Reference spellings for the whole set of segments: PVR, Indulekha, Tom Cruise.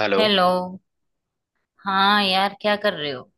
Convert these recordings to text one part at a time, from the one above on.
Hello. Hello. हाँ यार, क्या कर रहे हो?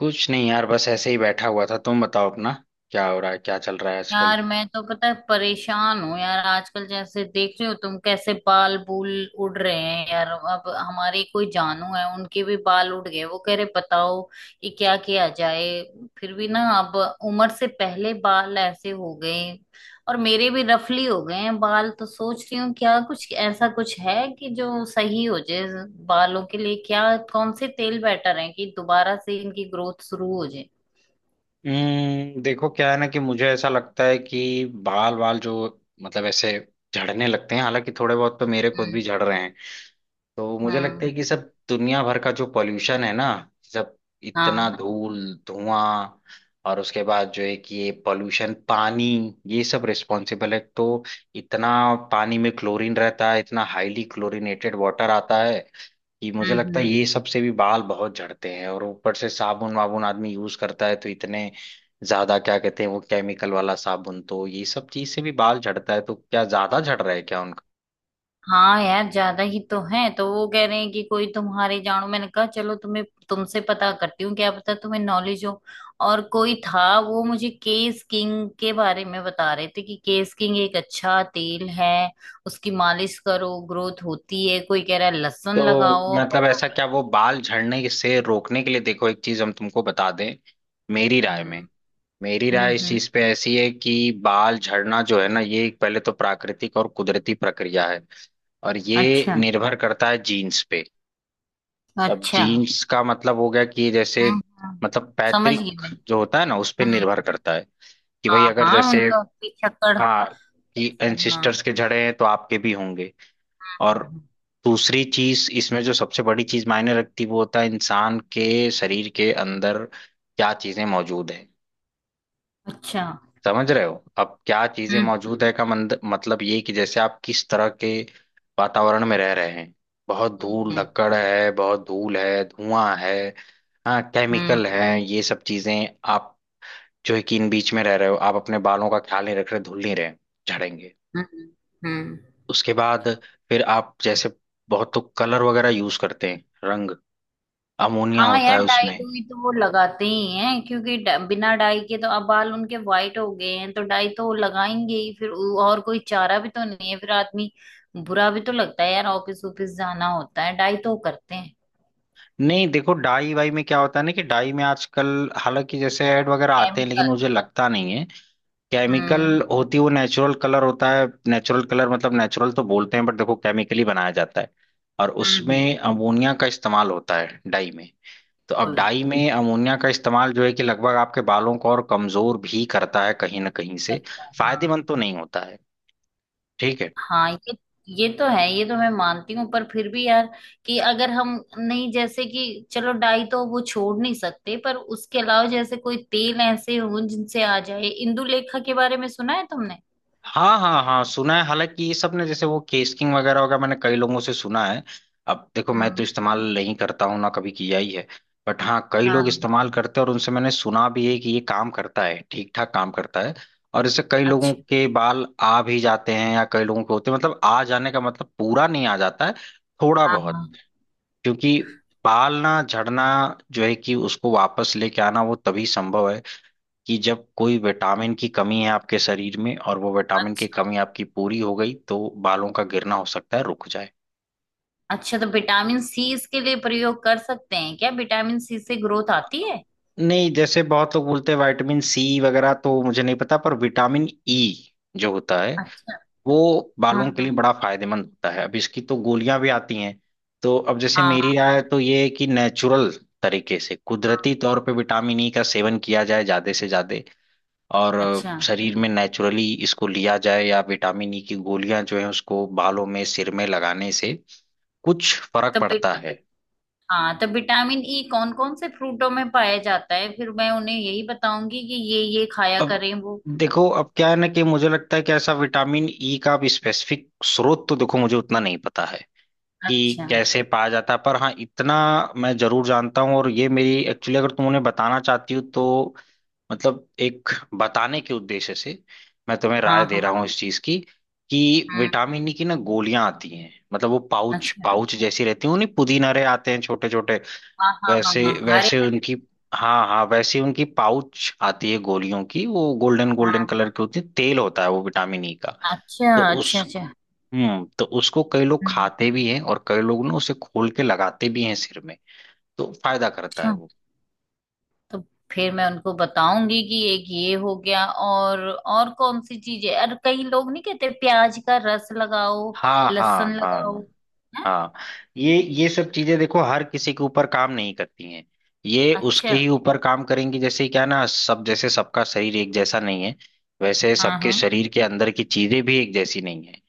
कुछ नहीं यार, बस ऐसे ही बैठा हुआ था। तुम बताओ अपना, क्या हो रहा है, क्या चल रहा है आजकल। यार मैं तो पता है परेशान हूँ यार आजकल। जैसे देख रहे हो तुम कैसे बाल बूल उड़ रहे हैं यार। अब हमारी कोई जानू है, उनके भी बाल उड़ गए। वो कह रहे बताओ कि क्या किया जाए। फिर भी ना, अब उम्र से पहले बाल ऐसे हो गए। और मेरे भी रफली हो गए हैं बाल, तो सोच रही हूँ क्या कुछ ऐसा कुछ है कि जो सही हो जाए बालों के लिए। क्या कौन से तेल बेटर है कि दोबारा से इनकी ग्रोथ शुरू हो जाए? हम्म, देखो क्या है ना कि मुझे ऐसा लगता है कि बाल बाल जो मतलब ऐसे झड़ने लगते हैं, हालांकि थोड़े बहुत तो मेरे खुद हम्म। भी झड़ रहे हैं। तो मुझे लगता है हम्म। कि सब दुनिया भर का जो पॉल्यूशन है ना, सब, इतना हाँ। धूल, धुआं, और उसके बाद जो है कि ये पॉल्यूशन पानी, ये सब रिस्पॉन्सिबल है। तो इतना पानी में क्लोरीन रहता है, इतना हाईली क्लोरीनेटेड वाटर आता है कि मुझे हम्म। लगता है हम्म। ये सबसे भी बाल बहुत झड़ते हैं। और ऊपर से साबुन वाबुन आदमी यूज करता है तो इतने ज्यादा क्या कहते हैं वो केमिकल वाला साबुन, तो ये सब चीज से भी बाल झड़ता है। तो क्या ज्यादा झड़ रहा है क्या? हाँ यार, ज्यादा ही तो है। तो वो कह रहे हैं कि कोई तुम्हारे जानो। मैंने कहा चलो तुम्हें तुमसे पता करती हूँ, क्या पता तुम्हें नॉलेज हो। और कोई था, वो मुझे केस किंग के बारे में बता रहे थे कि केस किंग एक अच्छा तेल है। उसकी मालिश करो, ग्रोथ होती है। कोई कह रहा है लहसुन तो लगाओ मतलब पता। ऐसा क्या वो बाल झड़ने से रोकने के लिए, देखो एक चीज हम तुमको बता दें, मेरी राय हम्म। में, मेरी राय हम्म। इस हम्म। चीज पे ऐसी है कि बाल झड़ना जो है ना, ये एक पहले तो प्राकृतिक और कुदरती प्रक्रिया है। और ये अच्छा। निर्भर करता है जीन्स पे। अब अच्छा। जीन्स का मतलब हो गया कि ये जैसे हम्म। हम्म। मतलब समझ गई पैतृक मैं। जो होता है ना, उस पे हम्म। निर्भर करता है कि भाई हाँ अगर हाँ, जैसे, उनका पिछक्कड़ हाँ, कि कैसा। हाँ हाँ। एंसिस्टर्स के झड़े हैं तो आपके भी होंगे। हाँ, और हाँ। दूसरी चीज इसमें जो सबसे बड़ी चीज मायने रखती वो होता है इंसान के शरीर के अंदर क्या चीजें मौजूद है। अच्छा। समझ रहे हो, अब क्या चीजें हम्म। मौजूद है का मंद, मतलब ये कि जैसे आप किस तरह के वातावरण में रह रहे हैं। बहुत धूल हम्म। धक्कड़ है, बहुत धूल है, धुआं है, हाँ, हम्म। केमिकल है, ये सब चीजें आप जो है कि इन बीच में रह रहे हो, आप अपने बालों का ख्याल नहीं रख रहे, धुल नहीं रहे, झड़ेंगे। हम्म। हम्म। उसके बाद फिर आप जैसे बहुत तो कलर वगैरह यूज करते हैं, रंग, अमोनिया हाँ होता यार, है डाई उसमें। डुई तो वो लगाते ही हैं, क्योंकि बिना डाई के तो अब बाल उनके वाइट हो गए हैं, तो डाई तो वो लगाएंगे ही। फिर और कोई चारा भी तो नहीं है। फिर आदमी बुरा भी तो लगता है यार, ऑफिस ऑफिस जाना होता है, डाई तो वो करते हैं। नहीं देखो, डाई वाई में क्या होता है ना, कि डाई में आजकल हालांकि जैसे ऐड वगैरह आते हैं, लेकिन केमिकल। मुझे लगता नहीं है, हम्म। केमिकल होती है। वो नेचुरल कलर होता है, नेचुरल कलर मतलब नेचुरल तो बोलते हैं बट देखो केमिकली बनाया जाता है। और हम्म। उसमें अमोनिया का इस्तेमाल होता है डाई में। तो अब बिल्कुल डाई में अमोनिया का इस्तेमाल जो है कि लगभग आपके बालों को और कमजोर भी करता है कहीं ना कहीं से। करता है, हाँ। फायदेमंद तो नहीं होता है। ठीक है। हाँ, ये तो है, ये तो मैं मानती हूँ। पर फिर भी यार, कि अगर हम, नहीं, जैसे कि चलो डाई तो वो छोड़ नहीं सकते, पर उसके अलावा जैसे कोई तेल ऐसे हो जिनसे आ जाए। इंदुलेखा के बारे में सुना है तुमने? हाँ हाँ हाँ सुना है, हालांकि ये सब ने जैसे वो केस किंग वगैरह वगैरह, मैंने कई लोगों से सुना है। अब देखो मैं तो हम्म। इस्तेमाल नहीं करता हूँ, ना कभी किया ही है, बट हाँ कई लोग हाँ। इस्तेमाल करते हैं और उनसे मैंने सुना भी है कि ये काम करता है, ठीक ठाक काम करता है। और इससे कई लोगों अच्छा। के बाल आ भी जाते हैं, या कई लोगों के होते हैं, मतलब आ जाने का मतलब पूरा नहीं आ जाता है, थोड़ा हाँ बहुत। हाँ। क्योंकि बाल ना झड़ना जो है कि उसको वापस लेके आना, वो तभी संभव है कि जब कोई विटामिन की कमी है आपके शरीर में और वो विटामिन की अच्छा कमी आपकी पूरी हो गई, तो बालों का गिरना हो सकता है रुक जाए। अच्छा, तो विटामिन सी इसके लिए प्रयोग कर सकते हैं क्या? विटामिन सी से ग्रोथ आती है? नहीं जैसे बहुत लोग बोलते हैं विटामिन सी वगैरह, तो मुझे नहीं पता, पर विटामिन ई जो होता है अच्छा। वो हाँ बालों के लिए हाँ। बड़ा फायदेमंद होता है। अब इसकी तो गोलियां भी आती हैं। तो अब जैसे मेरी हाँ राय तो ये है कि नेचुरल तरीके से हाँ, कुदरती तौर पे विटामिन ई का सेवन किया जाए ज्यादा से ज्यादा। और अच्छा, शरीर में नेचुरली इसको लिया जाए, या विटामिन ई की गोलियां जो है उसको बालों में सिर में लगाने से कुछ फर्क तो पड़ता है। हाँ, तो विटामिन ई कौन कौन से फ्रूटों में पाया जाता है? फिर मैं उन्हें यही बताऊंगी कि ये खाया अब करें वो। देखो अब क्या है ना कि मुझे लगता है कि ऐसा विटामिन ई का अब स्पेसिफिक स्रोत, तो देखो मुझे उतना नहीं पता है कि अच्छा। कैसे पाया जाता है। पर हाँ इतना मैं जरूर जानता हूँ, और ये मेरी एक्चुअली अगर तुम उन्हें बताना चाहती हो तो मतलब एक बताने के उद्देश्य से मैं तुम्हें हाँ राय दे हाँ। रहा हूँ इस चीज की, कि हम्म। विटामिन ई की ना गोलियां आती हैं, मतलब वो पाउच अच्छा। पाउच जैसी रहती हैं, उन्हीं पुदीना रहे आते हैं छोटे छोटे, हाँ हाँ हाँ वैसे हाँ, हरे वैसे हरे। उनकी हाँ हाँ वैसे उनकी पाउच आती है गोलियों की, वो गोल्डन गोल्डन हाँ। कलर की होती है, तेल होता है वो विटामिन ई का। अच्छा तो उस अच्छा अच्छा। हम्म, तो उसको कई लोग हम्म। खाते भी हैं और कई लोग ना उसे खोल के लगाते भी हैं सिर में। तो फायदा करता अच्छा। है वो। तो। फिर मैं उनको बताऊंगी कि एक ये हो गया, और कौन सी चीज है, और कई लोग नहीं कहते प्याज का रस लगाओ, हाँ लहसुन हाँ लगाओ, हाँ है। हाँ, ये सब चीजें देखो हर किसी के ऊपर काम नहीं करती हैं। ये उसके अच्छा। ही ऊपर काम करेंगी, जैसे क्या है ना, सब जैसे सबका शरीर एक जैसा नहीं है, वैसे हाँ सबके हाँ। शरीर के अंदर की चीजें भी एक जैसी नहीं है।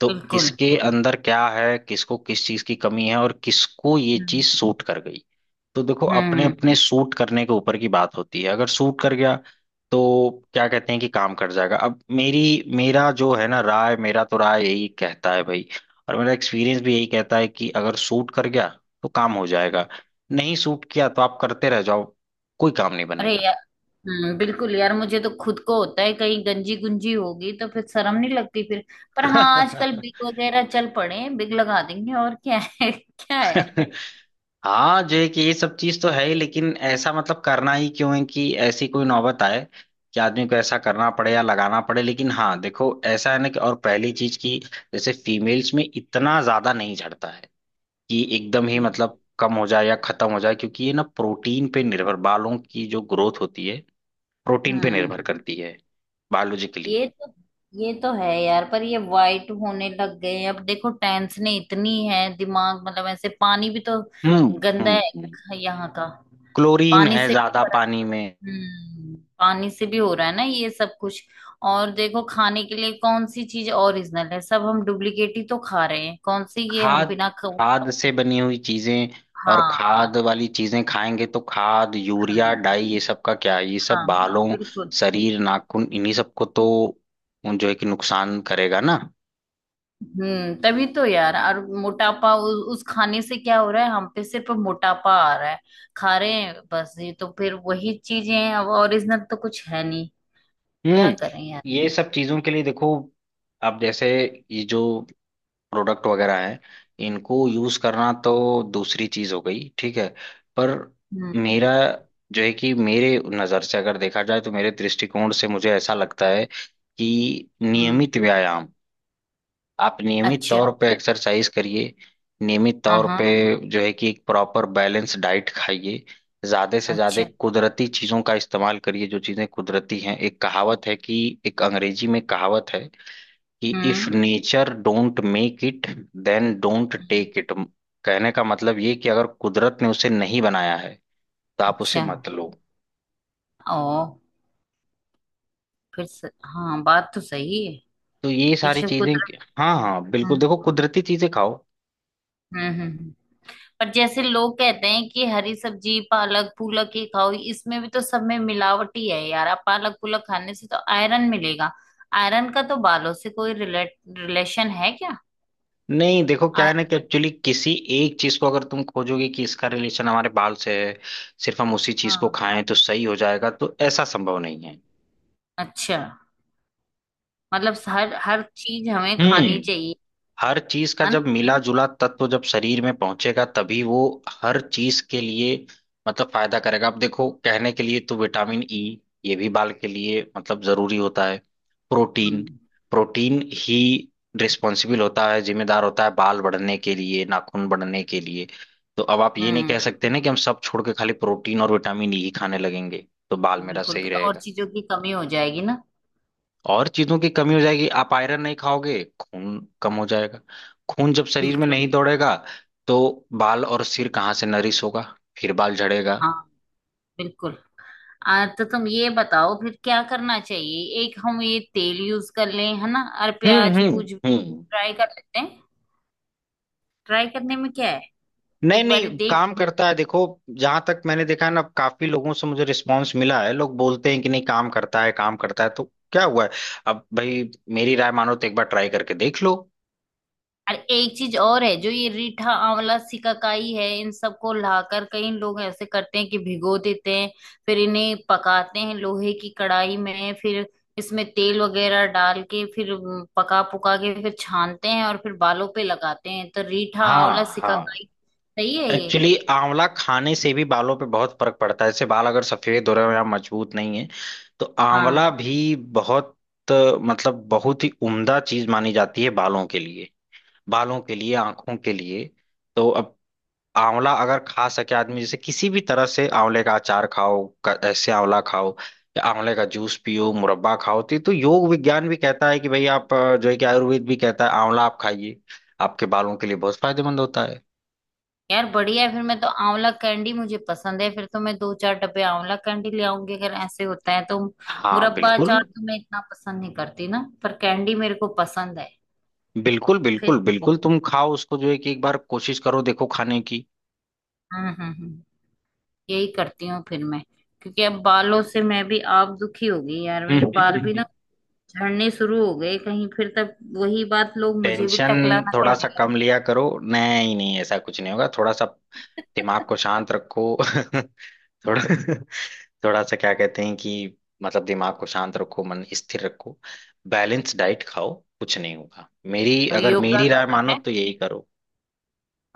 तो बिल्कुल। किसके अंदर क्या है, किसको किस चीज की कमी है और किसको ये हम्म। चीज सूट कर गई। तो देखो अपने हम्म। अपने सूट करने के ऊपर की बात होती है। अगर सूट कर गया तो क्या कहते हैं कि काम कर जाएगा। अब मेरी मेरा जो है ना राय, मेरा तो राय यही कहता है भाई, और मेरा एक्सपीरियंस भी यही कहता है कि अगर सूट कर गया तो काम हो जाएगा, नहीं सूट किया तो आप करते रह जाओ, कोई काम नहीं अरे बनेगा। यार। हम्म। बिल्कुल यार, मुझे तो खुद को होता है, कहीं गंजी गुंजी होगी तो फिर शर्म नहीं लगती फिर। पर हाँ, आजकल बिग वगैरह चल पड़े हैं, बिग लगा देंगे और क्या है क्या है? हाँ जो है कि ये सब चीज तो है ही, लेकिन ऐसा मतलब करना ही क्यों है कि ऐसी कोई नौबत आए कि आदमी को ऐसा करना पड़े या लगाना पड़े। लेकिन हाँ देखो ऐसा है ना, कि और पहली चीज की जैसे फीमेल्स में इतना ज्यादा नहीं झड़ता है कि एकदम ही हम्म। मतलब कम हो जाए या खत्म हो जाए, क्योंकि ये ना प्रोटीन पे निर्भर, बालों की जो ग्रोथ होती है प्रोटीन पे हम्म निर्भर करती है, बायोलॉजिकली। ये तो ये तो है यार। पर ये वाइट होने लग गए हैं। अब देखो, टेंशन इतनी है, दिमाग मतलब ऐसे। पानी भी तो गंदा हम्म, है यहाँ का। क्लोरीन पानी है से। ज्यादा पानी में। पानी से भी हो रहा है ना ये सब कुछ। और देखो, खाने के लिए कौन सी चीज ओरिजिनल है? सब हम डुप्लीकेट ही तो खा रहे हैं। कौन सी ये हम खाद, बिना खा? खाद से बनी हुई चीजें, और हाँ। खाद वाली चीजें खाएंगे तो खाद यूरिया खाएं। डाई ये सब का क्या है? ये सब हाँ। बालों, बिल्कुल। शरीर, नाखून, इन्हीं सबको तो जो है कि नुकसान करेगा ना। तभी तो यार। और मोटापा उस खाने से क्या हो रहा है? हम पे सिर्फ मोटापा आ रहा है। खा रहे हैं बस, ये तो फिर वही चीजें हैं, अब ओरिजिनल तो कुछ है नहीं। क्या हम्म, करें यार? ये सब चीजों के लिए देखो, अब जैसे ये जो प्रोडक्ट वगैरह हैं, इनको यूज करना तो दूसरी चीज हो गई, ठीक है। पर हम्म। मेरा जो है कि मेरे नजर से अगर देखा जाए, तो मेरे दृष्टिकोण से मुझे ऐसा लगता है कि हम्म। नियमित व्यायाम, आप नियमित अच्छा। तौर पे एक्सरसाइज करिए, नियमित हाँ तौर हाँ। पे जो है कि एक प्रॉपर बैलेंस डाइट खाइए, ज्यादा से ज्यादा अच्छा। कुदरती चीजों का इस्तेमाल करिए। जो चीजें कुदरती हैं, एक कहावत है कि, एक अंग्रेजी में कहावत है कि, if hmm. Nature don't make it, then don't hmm, take it. कहने का मतलब ये कि अगर कुदरत ने उसे नहीं बनाया है, तो आप उसे अच्छा। मत लो। ओ, फिर हाँ, बात तो सही है। तो ये कि सारी जब चीजें कि- कुदरत। हाँ हाँ बिल्कुल, हम्म। देखो कुदरती चीजें खाओ। हम्म। हम्म। पर जैसे लोग कहते हैं कि हरी सब्जी पालक पुलक ही खाओ। इसमें भी तो सब में मिलावट ही है यार। आप पालक पुलक खाने से तो आयरन मिलेगा। आयरन का तो बालों से कोई रिलेट रिलेशन है क्या? नहीं देखो क्या है ना आयरन। कि एक्चुअली किसी एक चीज को अगर तुम खोजोगे कि इसका रिलेशन हमारे बाल से है, सिर्फ हम उसी चीज को हाँ। खाएं तो सही हो जाएगा, तो ऐसा संभव नहीं है। अच्छा, मतलब हर हर चीज हमें खानी हम्म, चाहिए, हर चीज का है ना? जब मिला जुला तत्व जब शरीर में पहुंचेगा तभी वो हर चीज के लिए मतलब फायदा करेगा। अब देखो कहने के लिए तो विटामिन ई ये भी बाल के लिए मतलब जरूरी होता है, प्रोटीन, हम्म। प्रोटीन ही रिस्पॉन्सिबल होता है, जिम्मेदार होता है बाल बढ़ने के लिए, नाखून बढ़ने के लिए। तो अब आप ये नहीं हम्म। कह सकते ना कि हम सब छोड़ के खाली प्रोटीन और विटामिन ई ही खाने लगेंगे तो बाल बिल्कुल मेरा बिल्कुल, सही फिर और रहेगा। चीजों की कमी हो जाएगी ना। और चीजों की कमी हो जाएगी, आप आयरन नहीं खाओगे खून कम हो जाएगा, खून जब शरीर में बिल्कुल। नहीं दौड़ेगा तो बाल और सिर कहाँ से नरिश होगा, फिर बाल झड़ेगा। हाँ बिल्कुल। तो तुम ये बताओ फिर क्या करना चाहिए? एक हम ये तेल यूज कर लें, है ना, और हम्म प्याज हम्म पूज हम्म, ट्राई कर लेते हैं। ट्राई करने में क्या है, नहीं एक बार ये नहीं देख। काम करता है देखो, जहां तक मैंने देखा है ना, काफी लोगों से मुझे रिस्पांस मिला है, लोग बोलते हैं कि नहीं काम करता है, काम करता है। तो क्या हुआ है, अब भाई मेरी राय मानो तो एक बार ट्राई करके देख लो। और एक चीज और है, जो ये रीठा आंवला सिकाकाई है। इन सबको लाकर कई लोग ऐसे करते हैं कि भिगो देते हैं, फिर इन्हें पकाते हैं लोहे की कढ़ाई में, फिर इसमें तेल वगैरह डाल के, फिर पका पुका के, फिर छानते हैं, और फिर बालों पे लगाते हैं। तो रीठा हाँ आंवला हाँ, सिकाकाई, सही है ये? एक्चुअली आंवला खाने से भी बालों पे बहुत फर्क पड़ता है। जैसे बाल अगर सफेद हो रहे हो या मजबूत नहीं है, तो आंवला हाँ भी बहुत अ, मतलब बहुत ही उम्दा चीज मानी जाती है बालों के लिए, बालों के लिए, आंखों के लिए। तो अब आंवला अगर खा सके आदमी, जैसे किसी भी तरह से आंवले का अचार खाओ, ऐसे आंवला खाओ, या आंवले का जूस पियो, मुरब्बा खाओ, तो ये तो योग विज्ञान भी कहता है कि भाई आप जो है कि आयुर्वेद भी कहता है आंवला आप खाइए, आपके बालों के लिए बहुत फायदेमंद होता है। यार बढ़िया है। फिर मैं तो, आंवला कैंडी मुझे पसंद है, फिर तो मैं दो चार डब्बे आंवला कैंडी ले आऊंगी, अगर ऐसे होता है तो। हाँ मुरब्बा बिल्कुल अचार तो मैं इतना पसंद नहीं करती ना, पर कैंडी मेरे को पसंद है। बिल्कुल फिर। बिल्कुल बिल्कुल, तुम खाओ उसको, जो है कि एक बार कोशिश करो देखो खाने की। हम्म। हम्म। हम्म। यही करती हूँ फिर मैं। क्योंकि अब बालों से मैं भी आप दुखी हो गई यार। मेरे बाल भी ना हम्म। झड़ने शुरू हो गए कहीं फिर, तब वही बात, लोग मुझे भी टेंशन टकला ना थोड़ा कहने सा कम लिया करो, नहीं नहीं ऐसा कुछ नहीं होगा, थोड़ा सा लगे दिमाग को शांत रखो। थोड़ा, थोड़ा सा क्या कहते हैं कि मतलब दिमाग को शांत रखो, मन स्थिर रखो, बैलेंस डाइट खाओ, कुछ नहीं होगा। मेरी और अगर योगा मेरी राय करें मानो हैं, तो यही करो।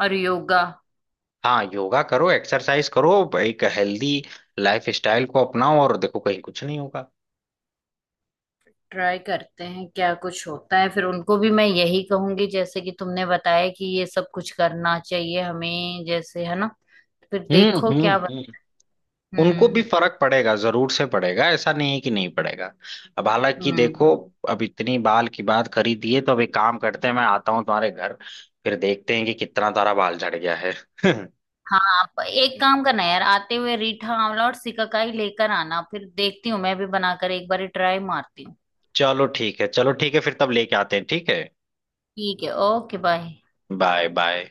और योगा? हाँ योगा करो, एक्सरसाइज करो, एक हेल्दी लाइफ स्टाइल को अपनाओ, और देखो कहीं कुछ नहीं होगा। ट्राई करते हैं क्या कुछ होता है, फिर उनको भी मैं यही कहूंगी जैसे कि तुमने बताया, कि ये सब कुछ करना चाहिए हमें, जैसे है ना। फिर देखो क्या। हम्म, उनको भी हम्म। फर्क पड़ेगा, जरूर से पड़ेगा, ऐसा नहीं है कि नहीं पड़ेगा। अब हालांकि हम्म। देखो, अब इतनी बाल की बात करी दी है तो अब एक काम करते हैं, मैं आता हूँ तुम्हारे घर, फिर देखते हैं कि कितना तारा बाल झड़ गया है। हाँ, आप एक काम करना यार, आते हुए रीठा आंवला और सिकाकाई लेकर आना। फिर देखती हूँ मैं भी बनाकर, एक बार ट्राई मारती हूँ। चलो ठीक है, चलो ठीक है, फिर तब लेके आते हैं ठीक है। ठीक है, ओके बाय। Bye bye.